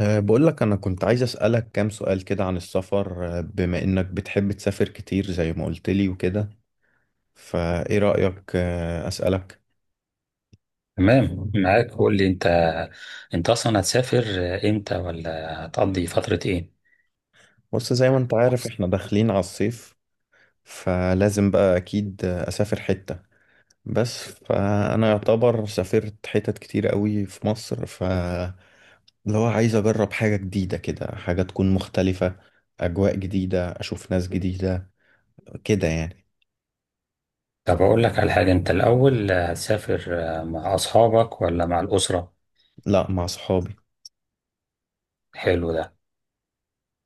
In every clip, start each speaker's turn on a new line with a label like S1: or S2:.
S1: بقول لك أنا كنت عايز أسألك كام سؤال كده عن السفر بما إنك بتحب تسافر كتير زي ما قلت لي وكده. فإيه رأيك؟ أسألك.
S2: تمام معاك، قول لي انت اصلا هتسافر امتى، ولا هتقضي فترة ايه؟
S1: بص زي ما أنت عارف إحنا داخلين على الصيف، فلازم بقى أكيد أسافر حتة. بس فأنا يعتبر سافرت حتت كتير قوي في مصر، فلو عايز أجرب حاجة جديدة كده، حاجة تكون مختلفة، أجواء جديدة، أشوف ناس جديدة كده يعني.
S2: طب اقول لك على حاجة، انت الاول هتسافر مع اصحابك ولا مع الاسرة؟
S1: لا، مع صحابي.
S2: حلو ده.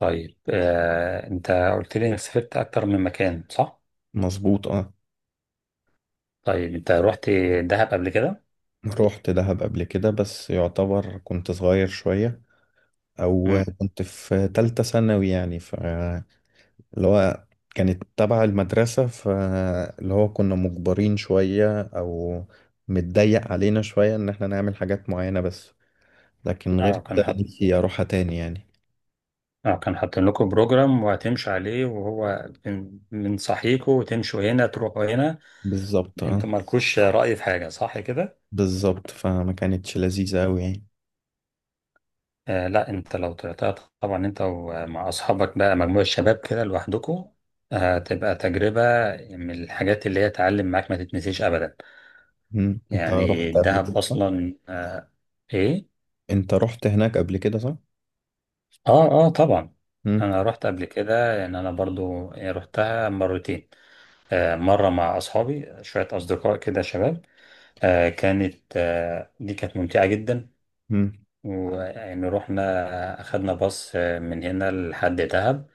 S2: طيب انت قلت لي انك سافرت اكتر من مكان، صح؟
S1: مظبوط اه.
S2: طيب انت رحت دهب قبل كده؟
S1: رحت دهب قبل كده بس يعتبر كنت صغير شوية، أو
S2: امم.
S1: كنت في تالتة ثانوي يعني اللي هو كانت تبع المدرسة، فاللي هو كنا مجبرين شوية، أو متضيق علينا شوية إن احنا نعمل حاجات معينة بس. لكن غير
S2: اه، كان
S1: كده
S2: حط
S1: نفسي أروحها تاني يعني.
S2: اه كان حاطين لكم بروجرام وهتمشوا عليه، وهو من صحيكوا وتمشوا هنا تروحوا هنا،
S1: بالظبط
S2: انتوا
S1: اه.
S2: مالكوش رأي في حاجة، صح كده؟
S1: بالظبط، فما كانتش لذيذة أوي يعني.
S2: آه، لا، انت لو طلعتها طبعا انت ومع اصحابك بقى مجموعة شباب كده لوحدكم، هتبقى تجربة من الحاجات اللي هي تعلم معاك ما تتنسيش ابدا.
S1: مم. أنت رحت
S2: يعني
S1: قبل
S2: الدهب
S1: كده صح؟
S2: اصلا، آه، ايه؟
S1: أنت رحت هناك قبل كده صح؟
S2: اه، اه، طبعا.
S1: مم.
S2: انا رحت قبل كده، يعني انا برضو رحتها مرتين. آه، مرة مع اصحابي، شوية اصدقاء كده شباب. آه كانت آه دي كانت ممتعة جدا.
S1: مم.
S2: ويعني رحنا، اخدنا باص من هنا لحد دهب.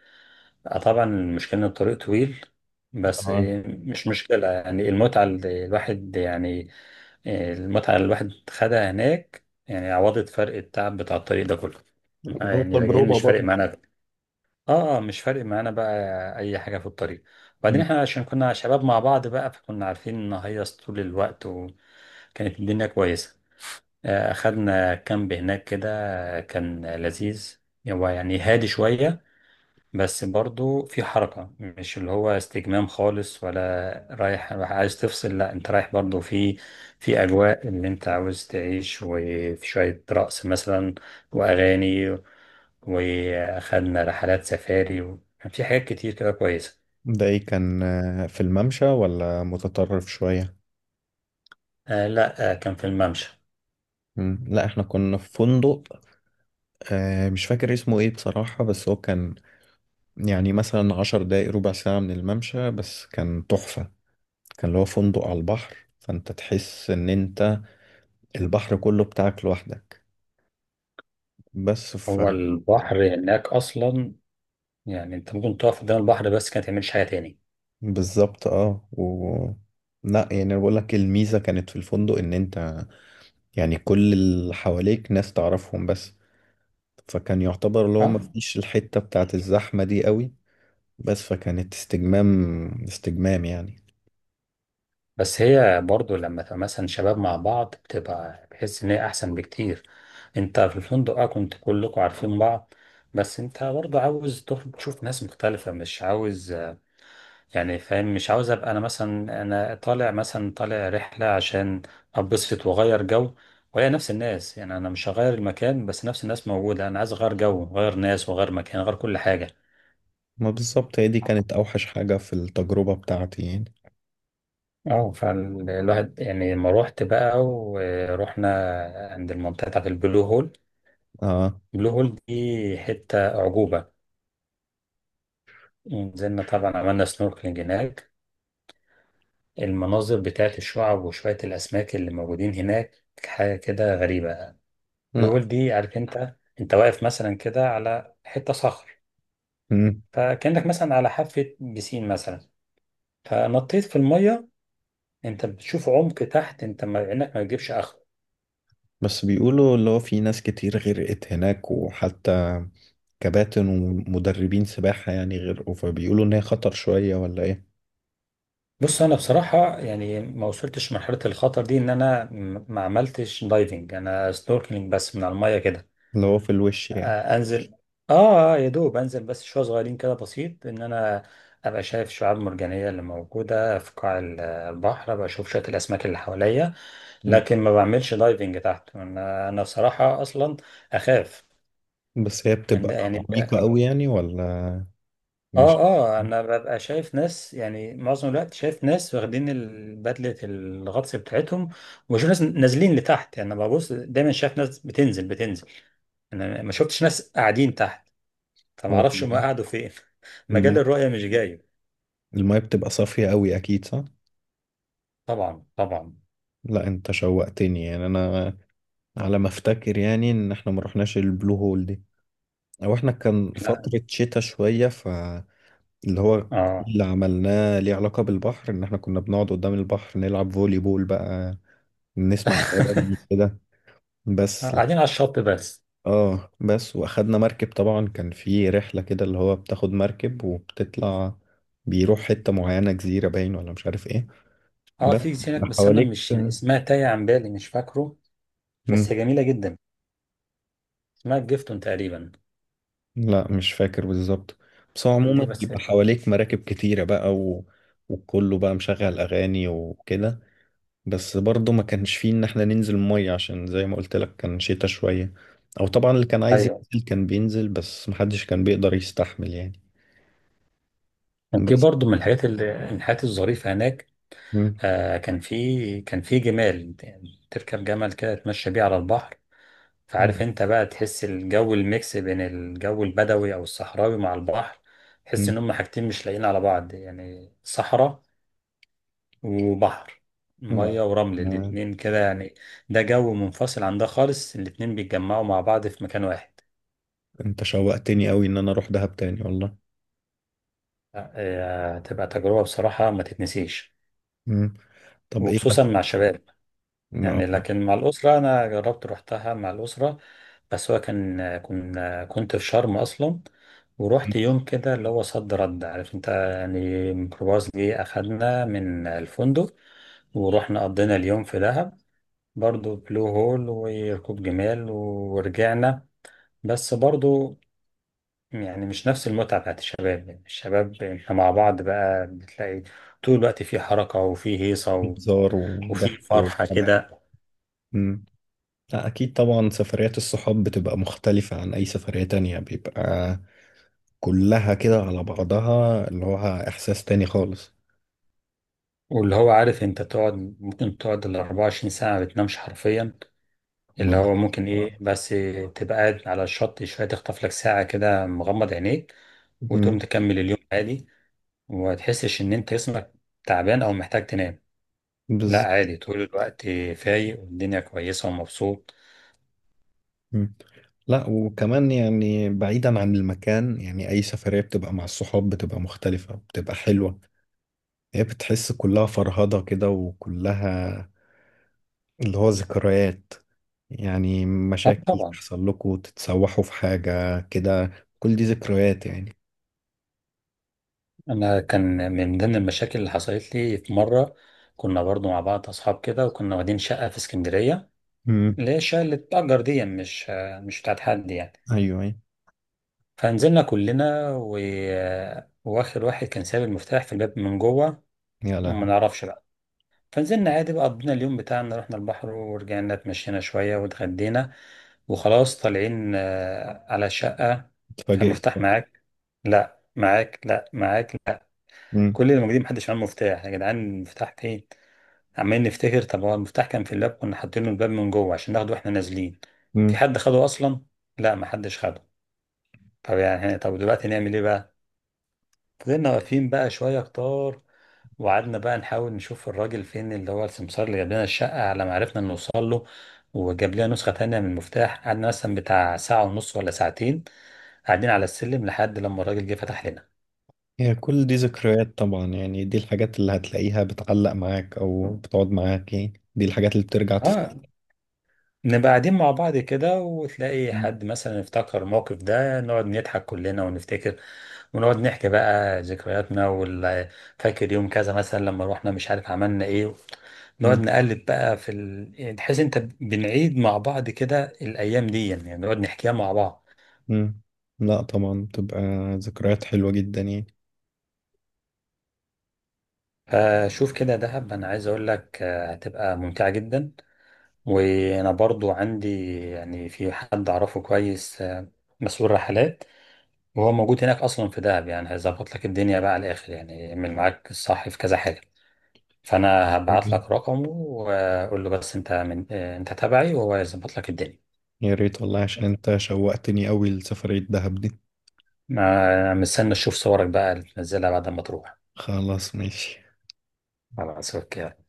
S2: طبعا المشكلة إن الطريق طويل، بس
S1: اه،
S2: مش مشكلة، يعني المتعة اللي الواحد يعني، المتعة اللي الواحد خدها هناك يعني عوضت فرق التعب بتاع الطريق ده كله.
S1: هو
S2: يعني راجعين
S1: تجربة
S2: مش فارق
S1: برضه.
S2: معانا. اه، مش فارق معانا بقى أي حاجة في الطريق. وبعدين احنا عشان كنا شباب مع بعض بقى، فكنا عارفين نهيص طول الوقت، وكانت الدنيا كويسة. أخدنا كامب هناك كده، كان لذيذ. هو يعني هادي شوية، بس برضو في حركة، مش اللي هو استجمام خالص ولا رايح عايز تفصل، لا انت رايح برضو في اجواء اللي انت عاوز تعيش، وفي شوية رقص مثلا واغاني. واخدنا رحلات سفاري، وكان في حاجات كتير كده كويسة.
S1: ده ايه، كان في الممشى ولا متطرف شوية؟
S2: آه، لا، آه، كان في الممشى.
S1: مم. لا، احنا كنا في فندق. مش فاكر اسمه ايه بصراحة، بس هو كان يعني مثلا 10 دقايق ربع ساعة من الممشى، بس كان تحفة. كان اللي هو فندق على البحر، فانت تحس ان انت البحر كله بتاعك لوحدك. بس ف.
S2: هو البحر هناك اصلا، يعني انت ممكن تقف قدام البحر بس كانت تعملش حاجة تاني.
S1: بالظبط اه و. لا يعني انا بقول لك الميزه كانت في الفندق، ان انت يعني كل اللي حواليك ناس تعرفهم بس. فكان يعتبر اللي هو
S2: اه،
S1: مفيش الحتة بتاعت الزحمة دي قوي. بس فكانت استجمام، استجمام يعني.
S2: بس هي برضو لما تبقى مثلا شباب مع بعض بتبقى بحس ان هي احسن بكتير. انت في الفندق كنت كلكم عارفين بعض، بس انت برضو عاوز تخرج تشوف ناس مختلفة، مش عاوز يعني فاهم، مش عاوز ابقى انا مثلا، انا طالع مثلا طالع رحلة عشان ابسط واغير جو، وهي نفس الناس، يعني انا مش هغير المكان بس نفس الناس موجودة، انا عايز اغير جو، غير ناس وغير مكان، غير كل حاجة.
S1: ما بالظبط، هي دي كانت أوحش حاجة في التجربة بتاعتي يعني.
S2: اه، فالواحد يعني لما روحت بقى ورحنا عند المنطقة بتاعت البلو هول،
S1: اه.
S2: بلو هول دي حتة أعجوبة. نزلنا طبعا، عملنا سنوركلينج هناك. المناظر بتاعت الشعب وشوية الأسماك اللي موجودين هناك حاجة كده غريبة. بلو
S1: لا.
S2: هول دي عارف أنت واقف مثلا كده على حتة صخر،
S1: مم.
S2: فكأنك مثلا على حافة بسين مثلا، فنطيت في المية. أنت بتشوف عمق تحت أنت، ما إنك ما بتجيبش آخره.
S1: بس بيقولوا اللي هو في ناس كتير غرقت هناك، وحتى كباتن ومدربين سباحة يعني غرقوا، فبيقولوا إن هي خطر شوية ولا إيه.
S2: بص، أنا بصراحة يعني ما وصلتش مرحلة الخطر دي، إن أنا ما عملتش دايفنج، أنا سنوركلينج بس من على المية كده.
S1: اللي هو في الوش يعني.
S2: انزل، يا دوب انزل بس شويه صغيرين كده، بسيط، ان انا ابقى شايف شعاب مرجانيه اللي موجوده في قاع البحر، ابقى اشوف شويه الاسماك اللي حواليا.
S1: مم.
S2: لكن ما بعملش دايفنج تحت، انا بصراحه اصلا اخاف.
S1: بس هي
S2: يعني
S1: بتبقى
S2: يعني-
S1: عميقة قوي يعني ولا مش.
S2: اه، اه، انا ببقى شايف ناس، يعني معظم الوقت شايف ناس واخدين بدله الغطس بتاعتهم، وبشوف ناس نازلين لتحت، يعني انا ببص دايما شايف ناس بتنزل بتنزل، انا ما شفتش ناس قاعدين تحت، فما اعرفش هم
S1: ولا-.
S2: قعدوا فين.
S1: الماء
S2: مجال الرؤية مش جاي.
S1: الماء بتبقى صافية قوي أكيد صح؟
S2: طبعا، طبعا.
S1: لا، انت شوقتني يعني انا، على ما افتكر يعني ان احنا ما رحناش البلو هول دي، او احنا كان
S2: لا،
S1: فترة شتاء شوية، فاللي هو كل
S2: اه.
S1: اللي عملناه ليه علاقة بالبحر ان احنا كنا بنقعد قدام البحر نلعب فولي بول بقى، نسمع اغاني كده. بس لا.
S2: قاعدين على الشط بس.
S1: اه، بس واخدنا مركب طبعا، كان في رحلة كده اللي هو بتاخد مركب وبتطلع، بيروح حتة معينة، جزيرة باين ولا مش عارف ايه.
S2: اه،
S1: بس
S2: في هناك بس انا
S1: حواليك.
S2: مش، يعني اسمها تايه عن بالي، مش فاكره، بس هي جميله جدا، اسمها جيفتون تقريبا.
S1: لا، مش فاكر بالظبط. بس هو عموما
S2: دي بس.
S1: بيبقى حواليك مراكب كتيرة بقى و... وكله بقى مشغل أغاني وكده. بس برضه ما كانش فيه إن احنا ننزل مية، عشان زي ما قلت لك كان شتا شوية. أو طبعا اللي كان عايز
S2: ايوه.
S1: ينزل كان بينزل، بس محدش كان بيقدر يستحمل يعني.
S2: دي
S1: بس.
S2: برضو من الحاجات الظريفه هناك.
S1: مم.
S2: آه، كان في جمال، يعني تركب جمل كده تمشي بيه على البحر، فعارف
S1: آه.
S2: انت بقى، تحس الجو الميكس بين الجو البدوي او الصحراوي مع البحر، تحس
S1: مم.
S2: ان هم حاجتين مش لاقيين على بعض، يعني صحراء وبحر،
S1: لا.
S2: ميه ورمل
S1: آه.
S2: الاتنين كده يعني. ده جو منفصل عن ده خالص، الاتنين بيتجمعوا مع بعض في مكان واحد.
S1: أنت شوقتني أوي إن أنا أروح دهب تاني والله.
S2: تبقى تجربة بصراحة ما تتنسيش،
S1: مم. طب إيه
S2: وخصوصا
S1: مثلا؟
S2: مع الشباب.
S1: ما.
S2: يعني لكن مع الأسرة، أنا جربت روحتها مع الأسرة، بس هو كان كنا كنت في شرم أصلا، ورحت يوم كده اللي هو صد رد، عارف أنت، يعني ميكروباص جه أخدنا من الفندق ورحنا قضينا اليوم في دهب، برضو بلو هول وركوب جمال، ورجعنا، بس برضو يعني مش نفس المتعة بتاعت الشباب. يعني الشباب احنا مع بعض بقى بتلاقي طول الوقت في حركة وفي هيصة
S1: هزار
S2: وفي
S1: وضحك
S2: فرحة
S1: وحب.
S2: كده.
S1: لا، أكيد طبعا سفريات الصحاب بتبقى مختلفة عن أي سفرية تانية، بيبقى كلها كده على بعضها، اللي هو إحساس تاني خالص.
S2: واللي هو عارف انت، ممكن تقعد ال 24 ساعة ما بتنامش حرفيا،
S1: هما
S2: اللي
S1: ب-.
S2: هو ممكن ايه،
S1: آه.
S2: بس تبقى قاعد على الشط شوية تخطف لك ساعة كده مغمض عينيك، وتقوم
S1: مم.
S2: تكمل اليوم عادي، وما تحسش ان انت جسمك تعبان او محتاج تنام، لا
S1: بز...
S2: عادي، طول الوقت فايق والدنيا كويسة ومبسوط.
S1: مم. لا، وكمان يعني بعيدا عن المكان، يعني أي سفرية بتبقى مع الصحاب بتبقى مختلفة، بتبقى حلوة. هي بتحس كلها فرهضة كده، وكلها اللي هو ذكريات يعني،
S2: اه،
S1: مشاكل
S2: طبعا.
S1: تحصل لكم، تتسوحوا في حاجة كده. كل دي ذكريات يعني.
S2: انا كان من ضمن المشاكل اللي حصلت لي في مرة، كنا برضو مع بعض اصحاب كده وكنا واخدين شقة في اسكندرية،
S1: مم.
S2: اللي هي الشقة اللي بتتأجر دي مش بتاعت حد يعني.
S1: ايوه أيوه.
S2: فنزلنا كلنا و... واخر واحد كان ساب المفتاح في الباب من جوه،
S1: يا
S2: وما
S1: لهوي.
S2: نعرفش بقى. فنزلنا عادي بقى، قضينا اليوم بتاعنا، رحنا البحر ورجعنا، اتمشينا شوية واتغدينا، وخلاص طالعين على الشقة.
S1: اتفاجئت
S2: فالمفتاح
S1: بقى.
S2: معاك؟ لا، معاك؟ لا، معاك؟ لا.
S1: مم.
S2: كل اللي موجودين محدش معاه مفتاح، يا جدعان المفتاح فين؟ عمالين نفتكر، طب هو المفتاح كان في الباب، كنا حاطينه الباب من جوه عشان ناخده واحنا نازلين، في
S1: مم.
S2: حد خده اصلا؟ لا، محدش خده. طب يعني، طب دلوقتي نعمل ايه بقى؟ فضلنا واقفين بقى شوية كتار، وقعدنا بقى نحاول نشوف الراجل فين، اللي هو السمسار اللي جاب لنا الشقة، على ما عرفنا نوصل له وجاب لنا نسخة تانية من المفتاح، قعدنا مثلا بتاع ساعة ونص ولا ساعتين قاعدين على السلم لحد لما الراجل جه فتح لنا.
S1: هي كل دي ذكريات طبعا يعني، دي الحاجات اللي هتلاقيها بتعلق معاك او بتقعد معاك يعني، دي الحاجات اللي بترجع تفتكر.
S2: اه، نبقى قاعدين مع بعض كده وتلاقي
S1: مم.
S2: حد مثلا افتكر الموقف ده، نقعد نضحك كلنا ونفتكر، ونقعد نحكي بقى ذكرياتنا فاكر يوم كذا مثلا لما روحنا، مش عارف عملنا ايه، نقعد
S1: مم.
S2: نقلب بقى في ال... يعني تحس انت بنعيد مع بعض كده الايام دي، يعني نقعد نحكيها مع بعض.
S1: مم. لا، طبعا بتبقى ذكريات حلوة جدا يعني.
S2: فشوف كده دهب، انا عايز اقول لك هتبقى ممتعة جدا، وانا برضو عندي يعني في حد اعرفه كويس، مسؤول رحلات، وهو موجود هناك اصلا في دهب، يعني هيظبط لك الدنيا بقى على الاخر، يعني يعمل معاك الصح في كذا حاجه، فانا هبعت لك
S1: طيب.
S2: رقمه واقول له، بس انت من آه، انت تبعي، وهو يظبط لك الدنيا.
S1: يا ريت والله، عشان انت شوقتني قوي لسفرية دهب دي.
S2: ما مستني اشوف صورك بقى اللي تنزلها بعد ما تروح،
S1: خلاص ماشي
S2: على راسك يعني.